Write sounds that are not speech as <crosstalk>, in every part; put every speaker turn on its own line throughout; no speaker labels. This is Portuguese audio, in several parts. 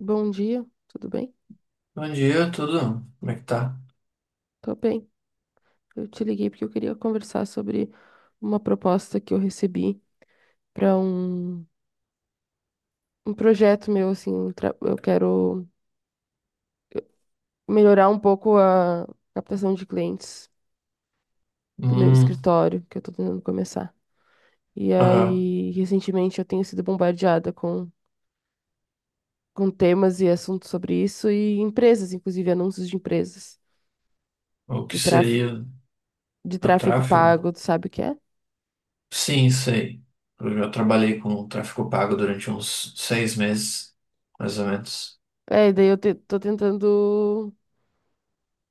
Bom dia, tudo bem?
Bom dia, tudo? Como é que tá?
Tô bem. Eu te liguei porque eu queria conversar sobre uma proposta que eu recebi para um projeto meu, assim, eu quero melhorar um pouco a captação de clientes do meu
Hum,
escritório que eu tô tentando começar. E
aham.
aí, recentemente eu tenho sido bombardeada com temas e assuntos sobre isso e empresas, inclusive anúncios de empresas
O que
de tráfego
seria a tráfego?
pago, tu sabe o que é?
Sim, sei. Eu já trabalhei com tráfego pago durante uns 6 meses, mais ou menos.
É, e daí eu tô tentando.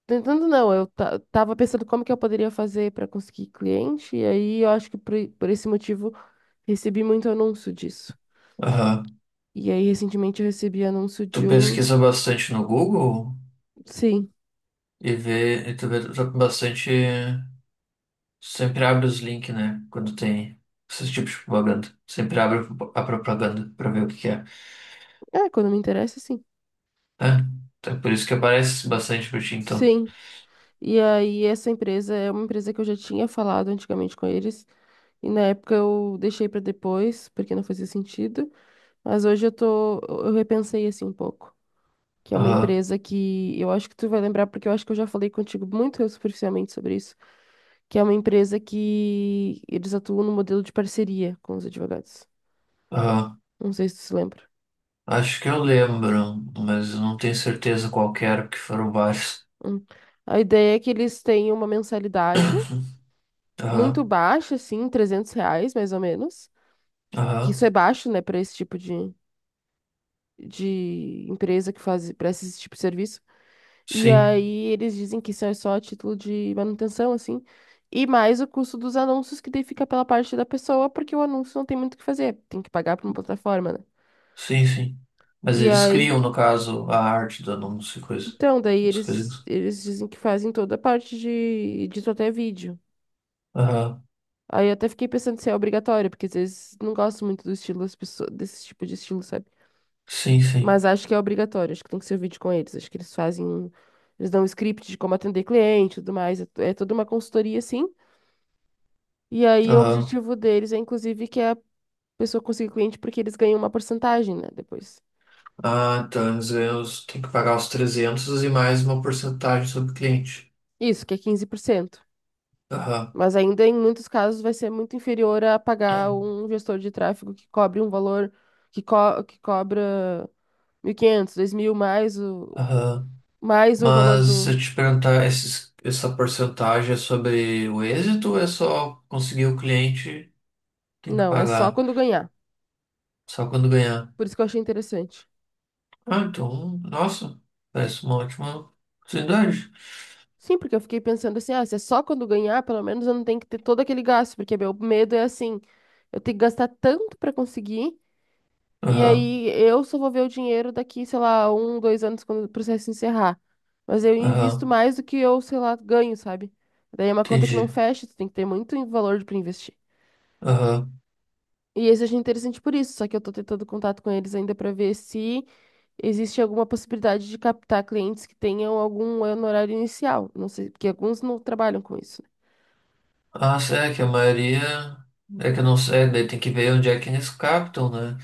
Tentando não, eu tava pensando como que eu poderia fazer para conseguir cliente, e aí eu acho que por esse motivo recebi muito anúncio disso.
Aham.
E aí recentemente eu recebi anúncio
Tu
de um.
pesquisa bastante no Google
Sim.
e tu tá com bastante. Sempre abre os links, né? Quando tem esses tipos de propaganda. Sempre abre a propaganda pra ver o que que é.
É, quando me interessa, sim.
É, então é por isso que aparece bastante pra ti, então.
Sim. E aí essa empresa é uma empresa que eu já tinha falado antigamente com eles, e na época eu deixei para depois, porque não fazia sentido, mas hoje eu repensei assim um pouco. Que é uma
Aham,
empresa que eu acho que tu vai lembrar, porque eu acho que eu já falei contigo muito superficialmente sobre isso, que é uma empresa que eles atuam no modelo de parceria com os advogados.
aham.
Não sei se tu se lembra.
Acho que eu lembro, mas eu não tenho certeza qual que era, porque foram vários.
Hum. A ideia é que eles têm uma
<coughs>
mensalidade
<clears throat>
muito
Aham,
baixa, assim, R$ 300, mais ou menos. Que
aham,
isso é baixo, né, para esse tipo de, empresa que faz, para esse tipo de serviço. E
sim,
aí eles dizem que isso é só a título de manutenção, assim. E mais o custo dos anúncios, que daí fica pela parte da pessoa, porque o anúncio não tem muito o que fazer, tem que pagar para uma plataforma, né?
sim, sim. Mas
E
eles
aí,
criam, no caso, a arte do anúncio e coisa,
então, daí
as
eles,
coisas.
eles dizem que fazem toda a parte de até vídeo.
Aham,
Aí eu até fiquei pensando se é obrigatório, porque às vezes não gosto muito do estilo das pessoas, desse tipo de estilo, sabe?
sim, sim.
Mas acho que é obrigatório, acho que tem que ser vídeo com eles. Acho que eles fazem, eles dão um script de como atender cliente e tudo mais. É toda uma consultoria, assim. E aí o
Aham.
objetivo deles é, inclusive, que a pessoa consiga cliente, porque eles ganham uma porcentagem, né? Depois.
Ah, então eles ganham, tem que pagar os 300 e mais uma porcentagem sobre o cliente.
Isso, que é 15%.
Aham,
Mas ainda em muitos casos vai ser muito inferior a pagar um gestor de tráfego que cobre um valor que cobra 1.500, 2.000, mais o
aham.
valor
Mas
do.
eu te perguntar, essa porcentagem é sobre o êxito ou é só conseguir o cliente, tem que
Não, é só
pagar
quando ganhar.
só quando ganhar?
Por isso que eu achei interessante.
Ah, então, nossa, parece uma ótima oportunidade.
Sim, porque eu fiquei pensando assim, ah, se é só quando ganhar, pelo menos eu não tenho que ter todo aquele gasto, porque meu medo é assim, eu tenho que gastar tanto para conseguir. E
Aham,
aí eu só vou ver o dinheiro daqui, sei lá, um, 2 anos quando o processo encerrar. Mas eu invisto
aham,
mais do que eu, sei lá, ganho, sabe? Daí é uma conta que não
entendi.
fecha, tu tem que ter muito valor para investir.
Aham.
E esse eu achei interessante por isso, só que eu tô tentando contato com eles ainda para ver se existe alguma possibilidade de captar clientes que tenham algum honorário inicial. Não sei, porque alguns não trabalham com isso, né?
Ah, sim, é que a maioria. É que eu não sei, daí tem que ver onde é que eles captam, né?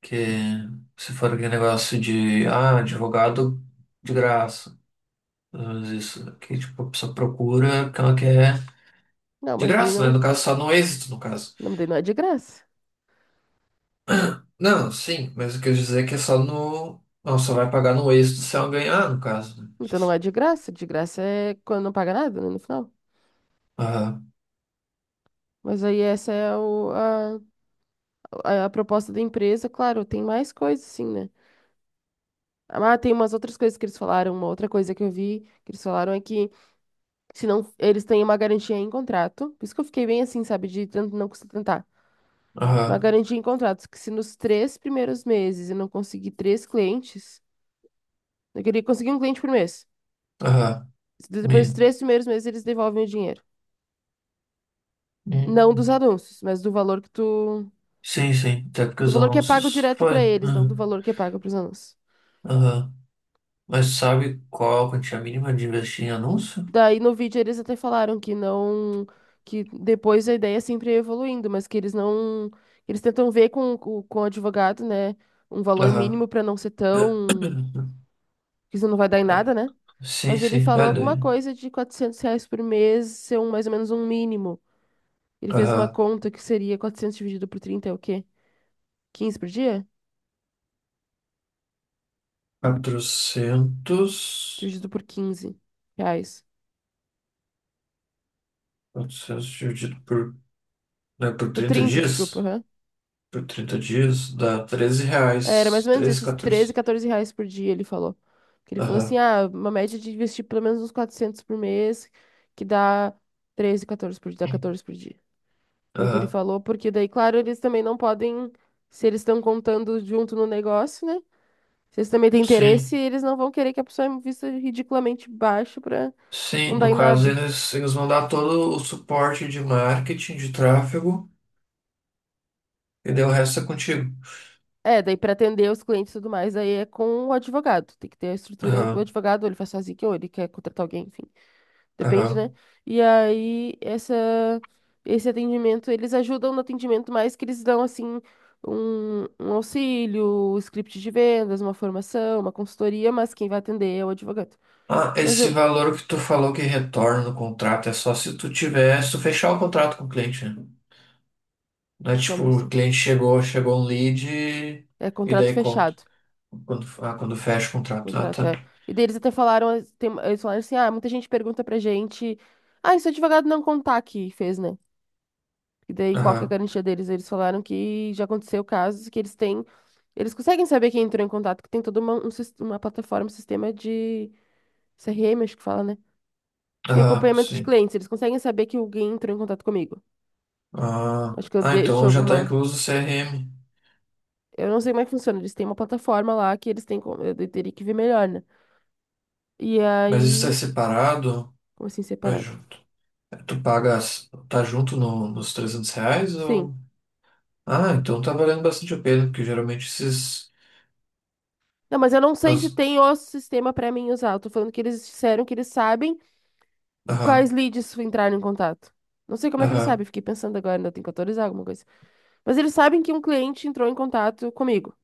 Que se for aquele negócio de, advogado de graça. Mas isso que tipo, a pessoa procura o que ela quer
Não,
de
mas daí
graça, né?
não.
No caso, só no êxito, no caso.
Não, daí não é de graça.
Não, sim, mas o que eu quis dizer é que é só no. Não, só vai pagar no êxito se ela ganhar, no caso, né?
Então não é de graça é quando não paga nada, né, no final.
Aham,
Mas aí essa é a proposta da empresa, claro, tem mais coisas, sim, né? Ah, tem umas outras coisas que eles falaram, uma outra coisa que eu vi que eles falaram é que se não, eles têm uma garantia em contrato. Por isso que eu fiquei bem assim, sabe, de tanto não custa tentar. Uma
aham,
garantia em contrato, que se nos três primeiros meses eu não conseguir três clientes, eu queria conseguir um cliente por mês.
aham.
Se Depois dos
Me-
três primeiros meses eles devolvem o dinheiro. Não dos
Hum.
anúncios, mas do valor que tu.
Sim, sim, até porque
Do
os
valor que é pago
anúncios
direto
foi.
pra eles, não do
Hum.
valor que é pago pros anúncios.
Aham. Mas sabe qual a quantia mínima de investir em anúncio?
Daí no vídeo eles até falaram que não, que depois a ideia é sempre ia evoluindo, mas que eles não, eles tentam ver com o advogado, né, um valor
Aham.
mínimo para não ser tão,
<clears throat>
que isso não vai dar em
É.
nada, né?
Sim,
Mas ele
sim,
falou
é
alguma
doido.
coisa de R$ 400 por mês ser um, mais ou menos um mínimo. Ele fez uma
Aham.
conta que seria 400 dividido por 30 é o quê? 15 por dia?
400
Dividido por 15 reais.
400 dividido por, né, por
Por
30
30,
dias?
desculpa.
Por 30 dias dá 13
Era mais
reais.
ou menos
Treze
isso, uns 13,
14.
14 reais por dia, ele falou. Que ele falou assim,
Aham.
ah, uma média de investir pelo menos uns 400 por mês, que dá 13, 14 por dia, dá 14 por dia. Foi o que ele
Aham.
falou, porque daí, claro, eles também não podem, se eles estão contando junto no negócio, né? Se eles também têm interesse,
Sim.
eles não vão querer que a pessoa invista ridiculamente baixo pra
Sim,
não
no
dar em
caso
nada.
eles vão dar todo o suporte de marketing, de tráfego, e daí o resto é contigo.
É, daí pra atender os clientes e tudo mais, aí é com o advogado. Tem que ter a estrutura, o
Aham,
advogado, ou ele faz sozinho, ou ele quer contratar alguém, enfim. Depende,
aham.
né? E aí, esse atendimento, eles ajudam no atendimento, mas que eles dão, assim, um auxílio, um script de vendas, uma formação, uma consultoria, mas quem vai atender é o advogado.
Ah,
Mas
esse
eu.
valor que tu falou que retorna no contrato é só se tu fechar o contrato com o cliente, né? Não é tipo,
Como
o
assim?
cliente chegou, chegou um lead e,
É
e
contrato
daí conta.
fechado.
Quando fecha o contrato. Ah,
Contrato,
tá.
é. E daí eles até falaram, eles falaram assim, ah, muita gente pergunta pra gente, ah, esse advogado não contar que fez, né? E daí, qual que é a
Aham,
garantia deles? Eles falaram que já aconteceu casos que eles têm. Eles conseguem saber quem entrou em contato, que tem toda uma, uma plataforma, um sistema de CRM, acho que fala, né? De
aham,
acompanhamento de
sim.
clientes. Eles conseguem saber que alguém entrou em contato comigo.
Ah,
Acho que eu
ah,
deixo
então já tá
alguma.
incluso o CRM.
Eu não sei como é que funciona. Eles têm uma plataforma lá que eles têm. Eu teria que ver melhor, né? E
Mas isso é
aí.
separado
Como assim,
ou é
separado?
junto? Tu pagas, tá junto nos R$ 300
Sim.
ou. Ah, então tá valendo bastante a pena, porque geralmente esses.
Não, mas eu não sei se
as-
tem o sistema pra mim usar. Eu tô falando que eles disseram que eles sabem quais
Aham,
leads entraram em contato. Não sei como é que eles sabem,
aham,
fiquei pensando agora, ainda tem que autorizar alguma coisa. Mas eles sabem que um cliente entrou em contato comigo.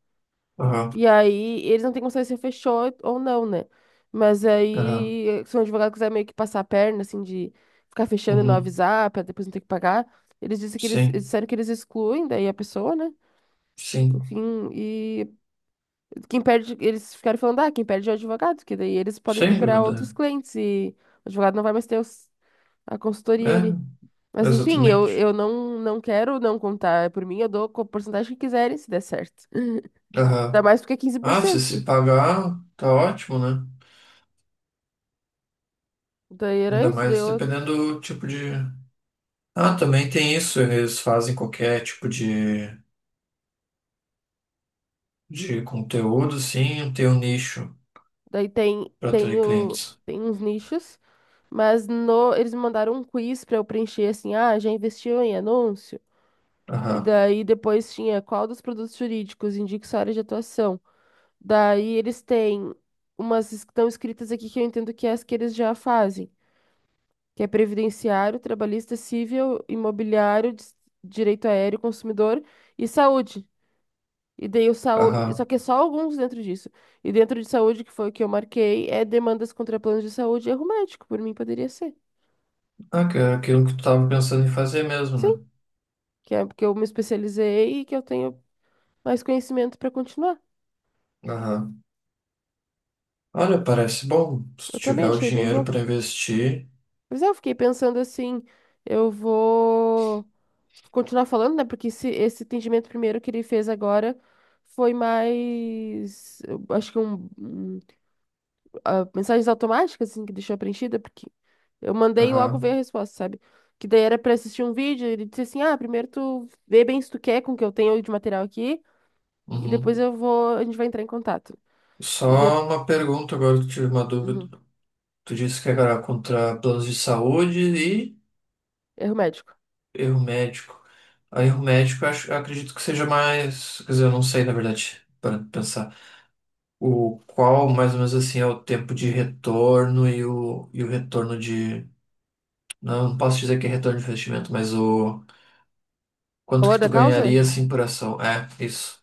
aham.
E aí, eles não têm consciência se fechou ou não, né? Mas
Tá.
aí, se um advogado quiser meio que passar a perna, assim, de ficar fechando e não
Uhum.
avisar, pra depois não ter que pagar, eles dizem que eles
Sim,
disseram que eles excluem daí a pessoa, né?
sim.
Enfim, e quem perde, eles ficaram falando, ah, quem perde é o advogado, que daí eles podem
Sem
procurar
dúvida.
outros clientes e o advogado não vai mais ter a consultoria
É,
ali. Mas enfim, eu,
exatamente.
eu não, não quero não contar. Por mim, eu dou com a porcentagem que quiserem, se der certo. Ainda
Aham.
mais porque é
Ah, se
15%, né?
se pagar, tá ótimo, né?
Daí era
Ainda
isso. Daí,
mais
eu-
dependendo do tipo de. Ah, também tem isso. Eles fazem qualquer tipo de conteúdo, sim, tem um nicho
daí tem,
para
tem,
atrair
o,
clientes.
tem uns nichos, mas no, eles me mandaram um quiz pra eu preencher assim: ah, já investiu em anúncio? E
Aham.
daí depois tinha qual dos produtos jurídicos indica sua área de atuação. Daí eles têm umas que estão escritas aqui que eu entendo que é as que eles já fazem, que é previdenciário, trabalhista, civil, imobiliário, direito aéreo, consumidor e saúde. E daí o saúde,
Aham.
só que é só alguns dentro disso. E dentro de saúde, que foi o que eu marquei, é demandas contra planos de saúde e erro médico, por mim poderia ser.
Ah, que é aquilo que tu tava pensando em fazer mesmo, né?
Sim, que é porque eu me especializei e que eu tenho mais conhecimento para continuar.
Aham. Olha, parece bom. Se
Eu
tu
também
tiver o
achei bem
dinheiro
bom.
para investir.
Mas é, eu fiquei pensando assim, eu vou continuar falando, né? Porque esse atendimento primeiro que ele fez agora foi mais, eu acho que mensagens automáticas assim que deixou preenchida, porque eu mandei e logo veio
Aham.
a resposta, sabe? Que daí era pra assistir um vídeo, ele disse assim: "Ah, primeiro tu vê bem se tu quer com o que eu tenho de material aqui e depois
Uhum.
eu vou, a gente vai entrar em contato". E deu,
Só uma pergunta agora que eu tive uma
uhum,
dúvida. Tu disse que era contra planos de saúde e
erro médico.
erro médico. Aí erro médico eu acho, eu acredito que seja mais, quer dizer, eu não sei na verdade, para pensar. O qual mais ou menos assim é o tempo de retorno e o retorno de, não, não posso dizer que é retorno de investimento, mas o quanto que
Valor
tu
da causa?
ganharia assim por ação. É, isso.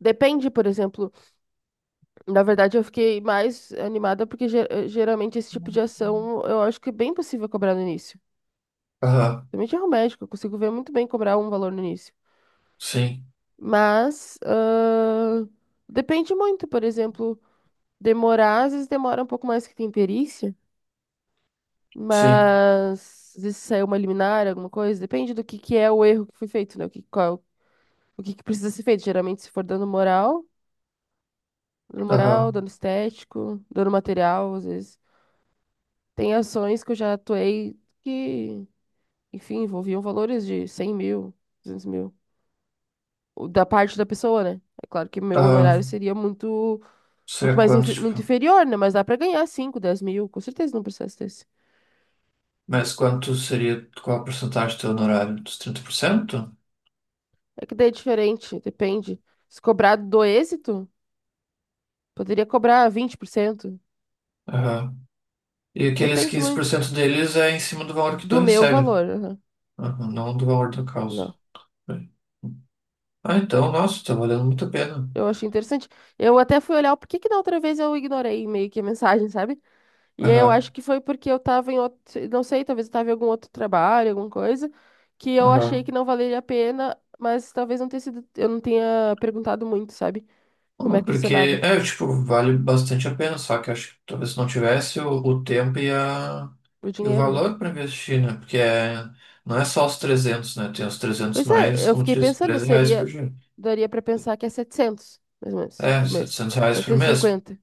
Depende, por exemplo. Na verdade, eu fiquei mais animada porque geralmente esse tipo de ação eu acho que é bem possível cobrar no início.
Aham.
Também de erro médico, eu consigo ver muito bem cobrar um valor no início.
Sim,
Mas ah, depende muito, por exemplo, demorar, às vezes demora um pouco mais que tem perícia,
sim.
mas às vezes saiu uma liminar, alguma coisa, depende do que é o erro que foi feito, né? O que, qual, o que, que precisa ser feito. Geralmente, se for dano moral,
Aham.
dano estético, dano material, às vezes. Tem ações que eu já atuei que, enfim, envolviam valores de 100 mil, 200 mil. O Da parte da pessoa, né? É claro que meu honorário
Aham.
seria
Seria quanto,
muito
tipo?
inferior, né? Mas dá pra ganhar cinco, 10 mil, com certeza num processo desse.
Mas quanto seria, qual a porcentagem do teu honorário? Dos 30%?
É que daí é diferente, depende. Se cobrado do êxito, poderia cobrar 20%.
Aham. E aqueles
Depende
quinze por
muito
cento deles é em cima do valor que tu
do meu
recebe, né?
valor. Aham.
Aham, não do valor da causa.
Não,
Ah, então, nossa, tá valendo muito a pena.
eu achei interessante. Eu até fui olhar o porquê que da outra vez eu ignorei meio que a mensagem, sabe? E aí eu
Aham,
acho que foi porque eu tava em outro, não sei, talvez eu tava em algum outro trabalho, alguma coisa, que eu achei que
aham.
não valeria a pena, mas talvez não tenha sido, eu não tenha perguntado muito, sabe? Como é
Não,
que
porque,
funcionava
é, tipo, vale bastante a pena, só que acho que talvez se não tivesse o tempo
o
e o
dinheiro, né?
valor para investir, né? Porque é, não é só os 300 né? Tem os 300
Pois é,
mais,
eu
como tu
fiquei
disse,
pensando,
R$ 13 por
seria,
dia.
daria pra pensar que é 700 mais ou menos,
É,
por mês.
R$ 700 por
setecentos e
mês.
cinquenta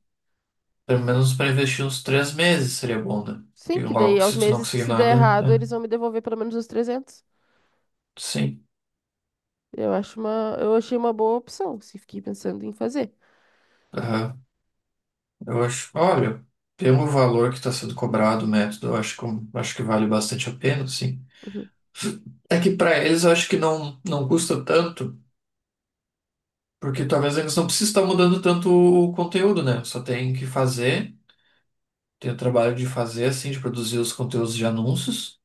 Pelo menos para investir uns 3 meses seria bom, né? Que
Sim, que
logo,
daí aos
se tu não
meses que
conseguir
se der
nada,
errado, eles
é.
vão me devolver pelo menos os 300.
Sim.
Eu achei uma boa opção, se fiquei pensando em fazer.
Aham. Eu acho. Olha, pelo valor que está sendo cobrado o método, acho que vale bastante a pena, sim.
Uhum.
É que para eles eu acho que não, não custa tanto, porque talvez eles não precisem estar mudando tanto o conteúdo, né? Só tem que fazer, tem o trabalho de fazer, assim, de produzir os conteúdos de anúncios,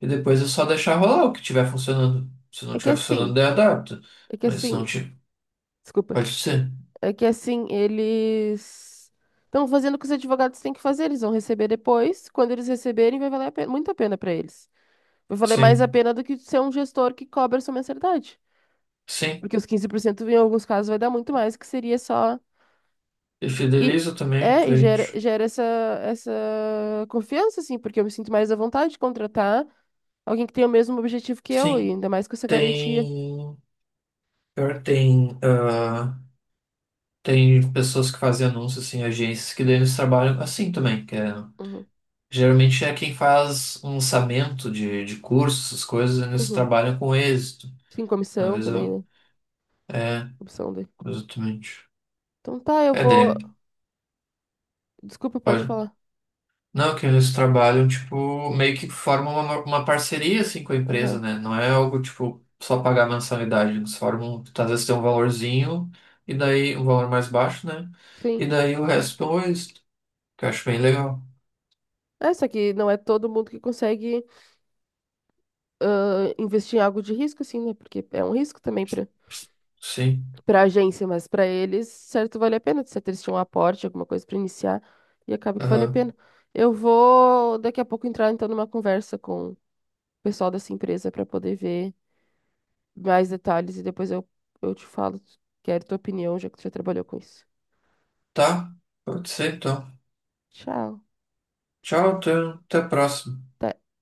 e depois é só deixar rolar o que tiver funcionando. Se
É
não
que é
tiver funcionando,
assim,
daí adapta.
é que é
Mas se
assim,
não tiver,
Desculpa.
pode ser.
É que assim, eles estão fazendo o que os advogados têm que fazer, eles vão receber depois. Quando eles receberem, vai valer muito a pena para eles. Vai valer mais a
Sim,
pena do que ser um gestor que cobra sua mensalidade.
sim.
Porque os 15% em alguns casos vai dar muito mais, que seria só.
E
E
fideliza também o
é, e gera,
cliente.
gera essa, essa confiança, assim, porque eu me sinto mais à vontade de contratar alguém que tem o mesmo objetivo que eu, e
Sim,
ainda mais com essa garantia.
tem. Pior que tem. Tem pessoas que fazem anúncios, assim, agências que daí eles trabalham assim também, que é.
Uhum.
Geralmente é quem faz um lançamento de cursos, essas coisas, eles
Uhum.
trabalham com êxito.
Sim,
Às
comissão
vezes
também,
eu.
né?
É,
Opção dele.
exatamente.
Então tá, eu
É,
vou.
daí.
Desculpa, pode falar.
Não, que eles trabalham, tipo, meio que formam uma parceria, assim, com a empresa,
Aham.
né? Não é algo, tipo, só pagar mensalidade. Eles formam, às vezes tem um valorzinho, e daí, um valor mais baixo, né? E
Sim.
daí o resto depois, que eu acho bem legal.
É, só que não é todo mundo que consegue investir em algo de risco, assim, né? Porque é um risco também para
Sim.
a agência, mas para eles, certo, vale a pena. Certo, eles tinham um aporte, alguma coisa para iniciar, e acaba que vale a
Aham.
pena. Eu vou daqui a pouco entrar, então, numa conversa com o pessoal dessa empresa para poder ver mais detalhes e depois eu te falo, quero tua opinião, já que tu já trabalhou com isso.
Tá? Pode ser, então.
Tchau.
Tchau, até a próxima.
Até.